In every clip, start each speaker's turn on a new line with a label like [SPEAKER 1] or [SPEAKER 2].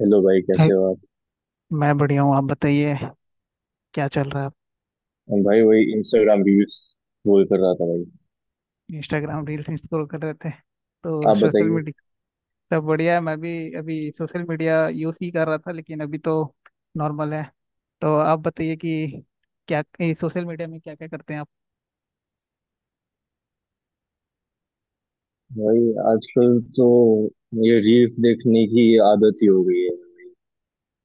[SPEAKER 1] Hello भाई
[SPEAKER 2] hi,
[SPEAKER 1] कैसे हो आप।
[SPEAKER 2] मैं बढ़िया हूँ। आप बताइए क्या चल रहा है आप।
[SPEAKER 1] हम भाई वही इंस्टाग्राम रील्स रोल कर रहा था भाई।
[SPEAKER 2] इंस्टाग्राम रील्स स्क्रॉल कर रहे थे तो
[SPEAKER 1] आप
[SPEAKER 2] सोशल
[SPEAKER 1] बताइए।
[SPEAKER 2] मीडिया। सब बढ़िया है। मैं भी अभी सोशल मीडिया यूज ही कर रहा था, लेकिन अभी तो नॉर्मल है। तो आप बताइए कि क्या सोशल मीडिया में क्या क्या करते हैं आप।
[SPEAKER 1] भाई आजकल तो ये रील्स देखने की आदत ही हो गई है।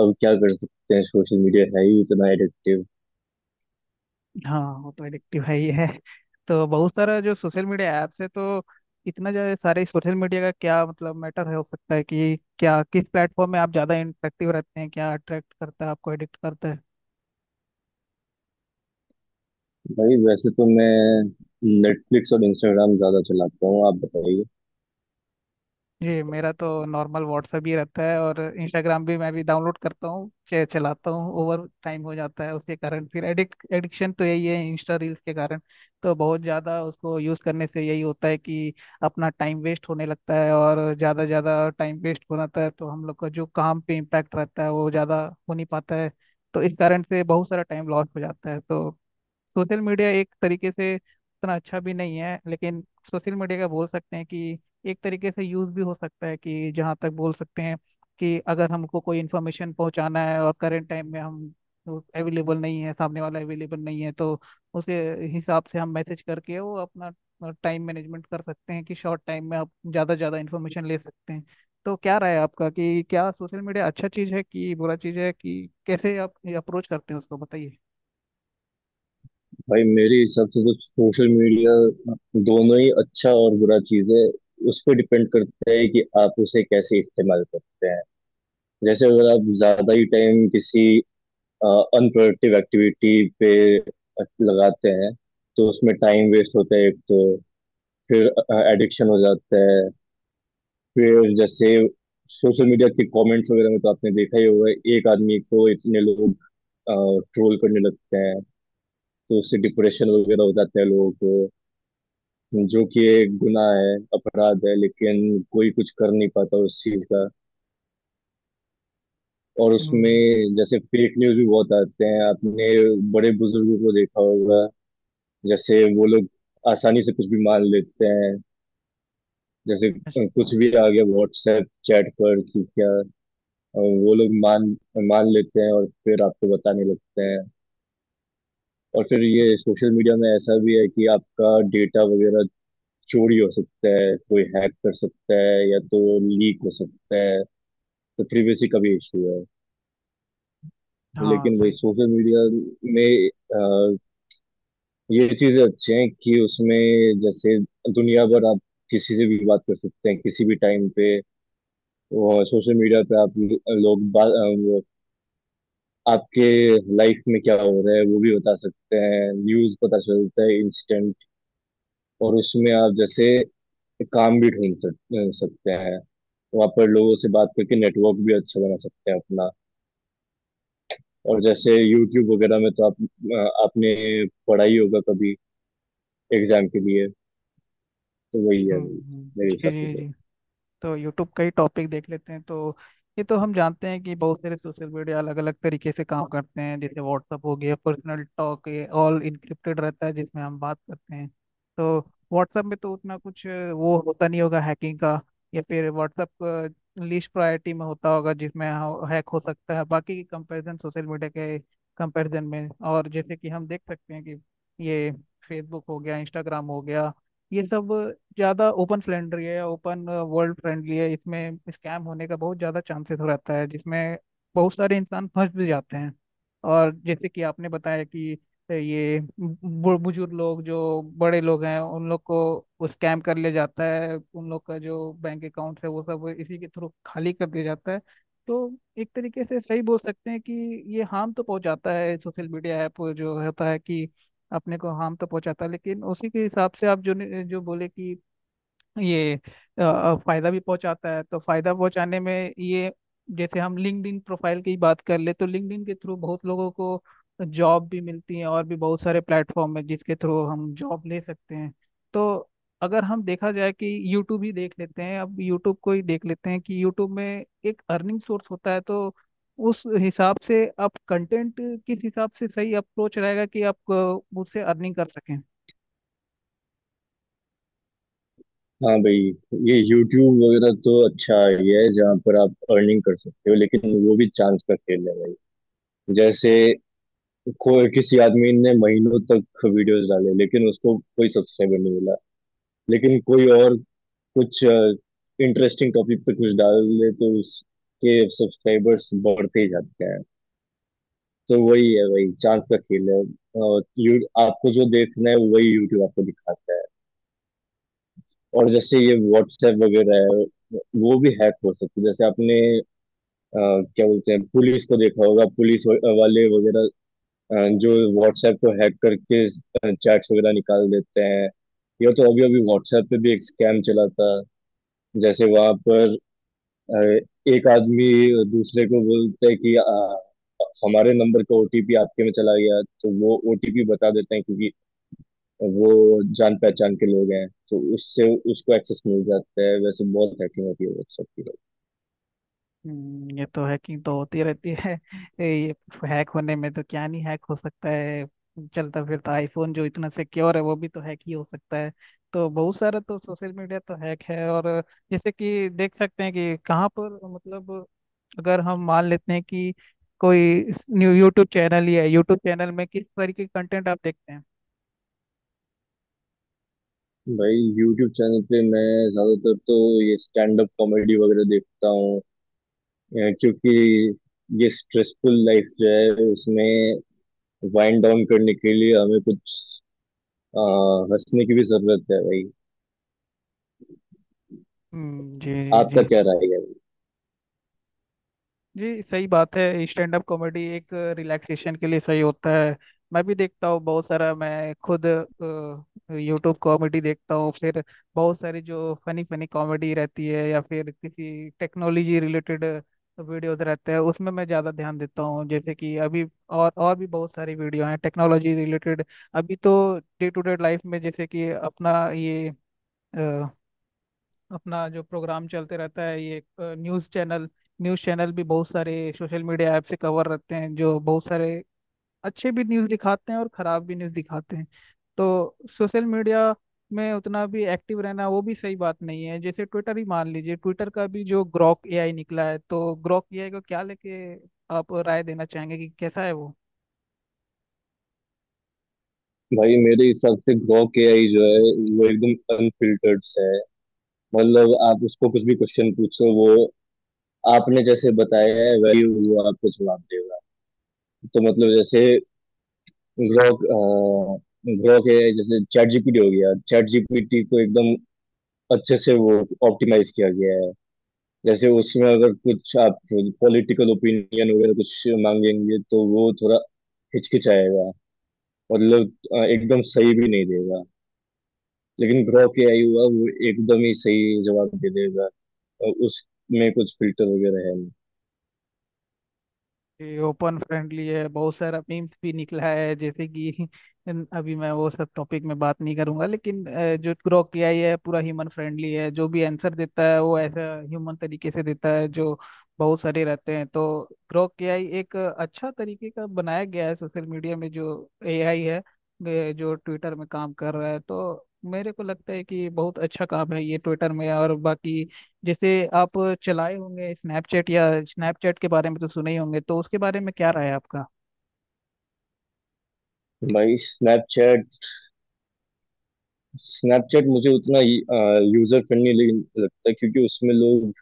[SPEAKER 1] अब क्या कर सकते हैं, सोशल मीडिया है ही इतना एडिक्टिव।
[SPEAKER 2] हाँ वो तो एडिक्टिव है ही है। तो बहुत सारा जो सोशल मीडिया ऐप्स है, तो इतना ज़्यादा सारे सोशल मीडिया का क्या मतलब मैटर है, हो सकता है कि क्या किस प्लेटफॉर्म में आप ज़्यादा इंटरेक्टिव रहते हैं, क्या अट्रैक्ट करता है, आपको एडिक्ट करता है।
[SPEAKER 1] भाई वैसे तो मैं नेटफ्लिक्स और इंस्टाग्राम ज्यादा चलाता हूँ। आप बताइए।
[SPEAKER 2] जी मेरा तो नॉर्मल व्हाट्सएप ही रहता है, और इंस्टाग्राम भी मैं भी डाउनलोड करता हूँ, चलाता हूँ, ओवर टाइम हो जाता है उसके कारण, फिर एडिक्ट एडिक्शन तो यही है इंस्टा रील्स के कारण। तो बहुत ज़्यादा उसको यूज़ करने से यही होता है कि अपना टाइम वेस्ट होने लगता है, और ज़्यादा ज़्यादा टाइम वेस्ट हो जाता है, तो हम लोग का जो काम पे इम्पैक्ट रहता है वो ज़्यादा हो नहीं पाता है। तो इस कारण से बहुत सारा टाइम लॉस हो जाता है। तो सोशल मीडिया एक तरीके से उतना अच्छा भी नहीं है, लेकिन सोशल मीडिया का बोल सकते हैं कि एक तरीके से यूज़ भी हो सकता है कि जहाँ तक बोल सकते हैं कि अगर हमको कोई इन्फॉर्मेशन पहुँचाना है, और करंट टाइम में हम अवेलेबल नहीं है, सामने वाला अवेलेबल नहीं है, तो उसे हिसाब से हम मैसेज करके वो अपना टाइम मैनेजमेंट कर सकते हैं कि शॉर्ट टाइम में आप ज़्यादा ज़्यादा इन्फॉर्मेशन ले सकते हैं। तो क्या राय है आपका, कि क्या सोशल मीडिया अच्छा चीज़ है कि बुरा चीज़ है, कि कैसे आप अप्रोच करते हैं उसको बताइए।
[SPEAKER 1] भाई मेरे हिसाब से तो सोशल मीडिया दोनों ही अच्छा और बुरा चीज है। उस पर डिपेंड करता है कि आप उसे कैसे इस्तेमाल करते हैं। जैसे अगर आप ज्यादा ही टाइम किसी अनप्रोडक्टिव एक्टिविटी पे लगाते हैं तो उसमें टाइम वेस्ट होता है एक तो, फिर एडिक्शन हो जाता है। फिर जैसे सोशल मीडिया के कमेंट्स वगैरह में तो आपने देखा ही होगा, एक आदमी को इतने लोग ट्रोल करने लगते हैं तो उससे डिप्रेशन वगैरह हो जाता है लोगों को, जो कि एक गुनाह है, अपराध है, लेकिन कोई कुछ कर नहीं पाता उस चीज का। और
[SPEAKER 2] हम्म।
[SPEAKER 1] उसमें जैसे फेक न्यूज भी बहुत आते हैं। आपने बड़े बुजुर्गों को देखा होगा, जैसे वो लोग आसानी से कुछ भी मान लेते हैं। जैसे
[SPEAKER 2] अच्छा।
[SPEAKER 1] कुछ भी आ गया व्हाट्सएप चैट पर कि क्या, वो लोग मान मान लेते हैं और फिर आपको बताने लगते हैं। और फिर ये सोशल मीडिया में ऐसा भी है कि आपका डेटा वगैरह चोरी हो सकता है, कोई हैक कर सकता है या तो लीक हो सकता है, तो प्रिवेसी का भी इशू है।
[SPEAKER 2] हाँ
[SPEAKER 1] लेकिन वही
[SPEAKER 2] सही है।
[SPEAKER 1] सोशल मीडिया में ये चीजें अच्छी हैं कि उसमें जैसे दुनिया भर आप किसी से भी बात कर सकते हैं किसी भी टाइम पे। और सोशल मीडिया पे आप लोग बात, वो आपके लाइफ में क्या हो रहा है वो भी बता सकते हैं, न्यूज पता चलता है इंस्टेंट। और उसमें आप जैसे काम भी ढूंढ सक, अ, सकते हैं, वहाँ पर लोगों से बात करके नेटवर्क भी अच्छा बना सकते हैं अपना। और जैसे यूट्यूब वगैरह में तो आप आपने पढ़ा ही होगा कभी एग्जाम के लिए। तो वही है मेरे
[SPEAKER 2] जी
[SPEAKER 1] हिसाब से
[SPEAKER 2] जी
[SPEAKER 1] तो।
[SPEAKER 2] जी। तो यूट्यूब का ही टॉपिक देख लेते हैं, तो ये तो हम जानते हैं कि बहुत सारे सोशल मीडिया अलग अलग तरीके से काम करते हैं, जैसे व्हाट्सअप हो गया, पर्सनल टॉक ये ऑल इनक्रिप्टेड रहता है जिसमें हम बात करते हैं। तो व्हाट्सअप में तो उतना कुछ वो होता नहीं होगा हैकिंग का, या फिर व्हाट्सअप लिस्ट प्रायोरिटी में होता होगा जिसमें हैक हो सकता है, बाकी की कंपेरिजन सोशल मीडिया के कंपेरिजन में। और जैसे कि हम देख सकते हैं कि ये फेसबुक हो गया, इंस्टाग्राम हो गया, ये सब ज़्यादा ओपन फ्रेंडली है, ओपन वर्ल्ड फ्रेंडली है, इसमें स्कैम होने का बहुत ज़्यादा चांसेस रहता है जिसमें बहुत सारे इंसान फंस भी जाते हैं। और जैसे कि आपने बताया कि ये बुजुर्ग लोग जो बड़े लोग हैं उन लोग को स्कैम कर लिया जाता है, उन लोग का जो बैंक अकाउंट है वो सब इसी के थ्रू खाली कर दिया जाता है। तो एक तरीके से सही बोल सकते हैं कि ये हार्म तो पहुंचाता है, सोशल मीडिया ऐप जो होता है कि अपने को हार्म तो पहुंचाता, लेकिन उसी के हिसाब से आप जो जो बोले कि ये फायदा भी पहुंचाता है, तो फायदा पहुंचाने में ये, जैसे हम लिंक्डइन प्रोफाइल की बात कर ले तो लिंक्डइन के थ्रू बहुत लोगों को जॉब भी मिलती है, और भी बहुत सारे प्लेटफॉर्म है जिसके थ्रू हम जॉब ले सकते हैं। तो अगर हम देखा जाए कि यूट्यूब ही देख लेते हैं, अब यूट्यूब को ही देख लेते हैं कि यूट्यूब में एक अर्निंग सोर्स होता है, तो उस हिसाब से आप कंटेंट किस हिसाब से सही अप्रोच रहेगा कि आप उससे अर्निंग कर सकें।
[SPEAKER 1] हाँ भाई, ये YouTube वगैरह तो अच्छा आइडिया है जहाँ पर आप अर्निंग कर सकते हो, लेकिन वो भी चांस का खेल है भाई। जैसे कोई, किसी आदमी ने महीनों तक वीडियोस डाले लेकिन उसको कोई सब्सक्राइबर नहीं मिला, लेकिन कोई और कुछ इंटरेस्टिंग टॉपिक पे कुछ डाल दे तो उसके सब्सक्राइबर्स बढ़ते ही जाते हैं। तो वही है भाई, चांस का खेल है। और यू आपको जो देखना है वही YouTube आपको दिखाता है। और जैसे ये WhatsApp वगैरह है, वो भी हैक हो सकती है। जैसे आपने अ, क्या बोलते हैं, पुलिस को देखा होगा, वाले वगैरह, अ, जो व्हाट्सएप को हैक करके चैट्स वगैरह निकाल देते हैं। ये तो अभी अभी व्हाट्सएप पे भी एक स्कैम चला था, जैसे वहां पर अ, एक आदमी दूसरे को बोलता है कि हमारे नंबर का OTP आपके में चला गया, तो वो OTP बता देते हैं क्योंकि वो जान पहचान के लोग हैं, तो उससे उसको एक्सेस मिल जाता है। वैसे बहुत हैकिंग होती है व्हाट्सएप की।
[SPEAKER 2] ये तो हैकिंग तो होती रहती है ये हैक होने में तो क्या नहीं हैक हो सकता है। चलता फिरता आईफोन जो इतना सिक्योर है वो भी तो हैक ही हो सकता है। तो बहुत सारा तो सोशल मीडिया तो हैक है, और जैसे कि देख सकते हैं कि कहाँ पर मतलब, अगर हम मान लेते हैं कि कोई न्यू यूट्यूब चैनल ही है, यूट्यूब चैनल में किस तरीके के कंटेंट आप देखते हैं।
[SPEAKER 1] भाई यूट्यूब चैनल पे मैं ज्यादातर तो ये स्टैंड अप कॉमेडी वगैरह देखता हूँ क्योंकि ये स्ट्रेसफुल लाइफ जो है उसमें वाइंड डाउन करने के लिए हमें कुछ अ, हंसने की भी जरूरत है भाई।
[SPEAKER 2] जी।
[SPEAKER 1] आपका
[SPEAKER 2] जी,
[SPEAKER 1] क्या राय है।
[SPEAKER 2] जी सही बात है, स्टैंड अप कॉमेडी एक रिलैक्सेशन के लिए सही होता है। मैं भी देखता हूँ बहुत सारा, मैं खुद यूट्यूब कॉमेडी देखता हूँ, फिर बहुत सारी जो फनी फनी कॉमेडी रहती है, या फिर किसी टेक्नोलॉजी रिलेटेड वीडियोस रहते हैं उसमें मैं ज़्यादा ध्यान देता हूँ, जैसे कि अभी, और भी बहुत सारी वीडियो हैं टेक्नोलॉजी रिलेटेड। अभी तो डे टू डे लाइफ में जैसे कि अपना ये अपना जो प्रोग्राम चलते रहता है ये न्यूज़ चैनल, न्यूज़ चैनल भी बहुत सारे सोशल मीडिया ऐप से कवर रहते हैं, जो बहुत सारे अच्छे भी न्यूज़ दिखाते हैं और ख़राब भी न्यूज़ दिखाते हैं। तो सोशल मीडिया में उतना भी एक्टिव रहना वो भी सही बात नहीं है, जैसे ट्विटर ही मान लीजिए, ट्विटर का भी जो ग्रॉक एआई निकला है, तो ग्रॉक एआई को क्या लेके आप राय देना चाहेंगे कि कैसा है वो।
[SPEAKER 1] भाई मेरे हिसाब से ग्रॉक के आई जो है वो एकदम अनफिल्टर्ड है। मतलब आप उसको कुछ भी क्वेश्चन पूछो, वो आपने जैसे बताया है वही वो आपको जवाब देगा। तो मतलब जैसे ग्रोक ग्रोक है, जैसे चैट जीपीटी हो गया, चैट जीपीटी को एकदम अच्छे से वो ऑप्टिमाइज किया गया है। जैसे उसमें अगर कुछ आप पॉलिटिकल ओपिनियन वगैरह कुछ मांगेंगे तो वो थोड़ा हिचकिचाएगा, मतलब एकदम सही भी नहीं देगा। लेकिन ग्रोक AI हुआ वो एकदम ही सही जवाब दे देगा, उसमें कुछ फिल्टर वगैरह है नहीं।
[SPEAKER 2] ये ओपन फ्रेंडली है, बहुत सारा मीम्स भी निकला है जैसे कि अभी मैं वो सब टॉपिक में बात नहीं करूंगा, लेकिन जो ग्रोक एआई है पूरा ह्यूमन फ्रेंडली है, जो भी आंसर देता है वो ऐसा ह्यूमन तरीके से देता है जो बहुत सारे रहते हैं। तो ग्रोक एआई एक अच्छा तरीके का बनाया गया है, सोशल मीडिया में जो एआई है, जो ट्विटर में काम कर रहा है, तो मेरे को लगता है कि बहुत अच्छा काम है ये ट्विटर में। और बाकी, जैसे आप चलाए होंगे स्नैपचैट, या स्नैपचैट के बारे में तो सुने ही होंगे, तो उसके बारे में क्या राय है आपका।
[SPEAKER 1] भाई स्नैपचैट, मुझे उतना यूजर फ्रेंडली लगता है क्योंकि उसमें लोग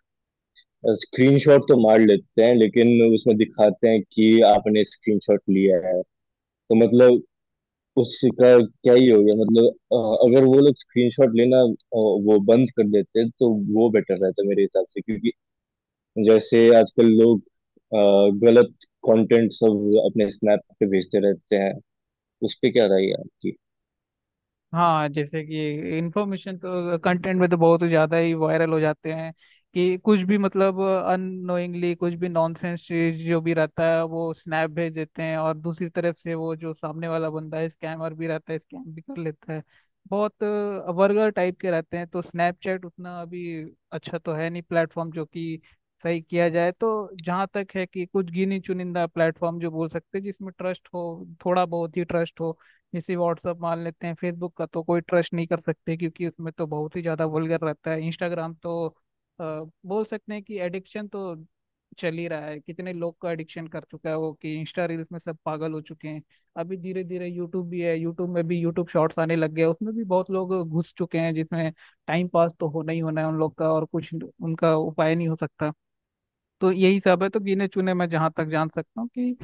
[SPEAKER 1] स्क्रीनशॉट तो मार लेते हैं लेकिन उसमें दिखाते हैं कि आपने स्क्रीनशॉट लिया है। तो मतलब उसका क्या ही हो गया, मतलब अगर वो लोग स्क्रीनशॉट लेना वो बंद कर देते तो वो बेटर रहता मेरे हिसाब से। क्योंकि जैसे आजकल लोग अ, गलत कंटेंट सब अपने स्नैप पे भेजते रहते हैं। उस पे क्या राय है आपकी।
[SPEAKER 2] हाँ, जैसे कि इंफॉर्मेशन तो कंटेंट में तो बहुत ही ज़्यादा ही वायरल हो जाते हैं, कि कुछ भी मतलब अननोइंगली कुछ भी नॉनसेंस चीज जो भी रहता है वो स्नैप भेज देते हैं, और दूसरी तरफ से वो जो सामने वाला बंदा है स्कैमर भी रहता है, स्कैम भी कर लेता है। बहुत वर्गर टाइप के रहते हैं, तो स्नैपचैट उतना अभी अच्छा तो है नहीं प्लेटफॉर्म, जो कि सही किया जाए तो जहाँ तक है कि कुछ गिनी चुनिंदा प्लेटफॉर्म जो बोल सकते हैं जिसमें ट्रस्ट हो, थोड़ा बहुत ही ट्रस्ट हो, जैसे व्हाट्सअप मान लेते हैं। फेसबुक का तो कोई ट्रस्ट नहीं कर सकते, क्योंकि उसमें तो बहुत ही ज़्यादा वल्गर रहता है। इंस्टाग्राम तो अ, बोल सकते हैं कि एडिक्शन तो चल ही रहा है, कितने लोग का एडिक्शन कर चुका है वो कि इंस्टा रील्स में सब पागल हो चुके हैं। अभी धीरे धीरे यूट्यूब भी है, यूट्यूब में भी यूट्यूब शॉर्ट्स आने लग गए, उसमें भी बहुत लोग घुस चुके हैं, जिसमें टाइम पास तो होना ही होना है उन लोग का, और कुछ उनका उपाय नहीं हो सकता। तो यही सब है, तो गिने चुने मैं जहाँ तक जान सकता हूँ कि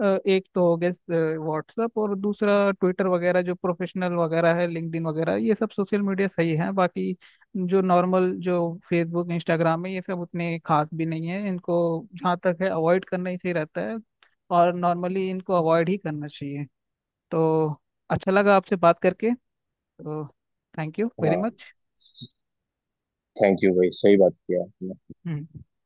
[SPEAKER 2] एक तो हो गया व्हाट्सएप, और दूसरा ट्विटर वगैरह, जो प्रोफेशनल वगैरह है लिंक्डइन वगैरह, ये सब सोशल मीडिया सही है। बाकी जो नॉर्मल जो फेसबुक इंस्टाग्राम है, ये सब उतने खास भी नहीं है, इनको जहाँ तक है अवॉइड करना ही सही रहता है, और नॉर्मली इनको अवॉइड ही करना चाहिए। तो अच्छा लगा आपसे बात करके, तो थैंक यू वेरी
[SPEAKER 1] हाँ, थैंक यू भाई, सही बात किया आपने।
[SPEAKER 2] मच।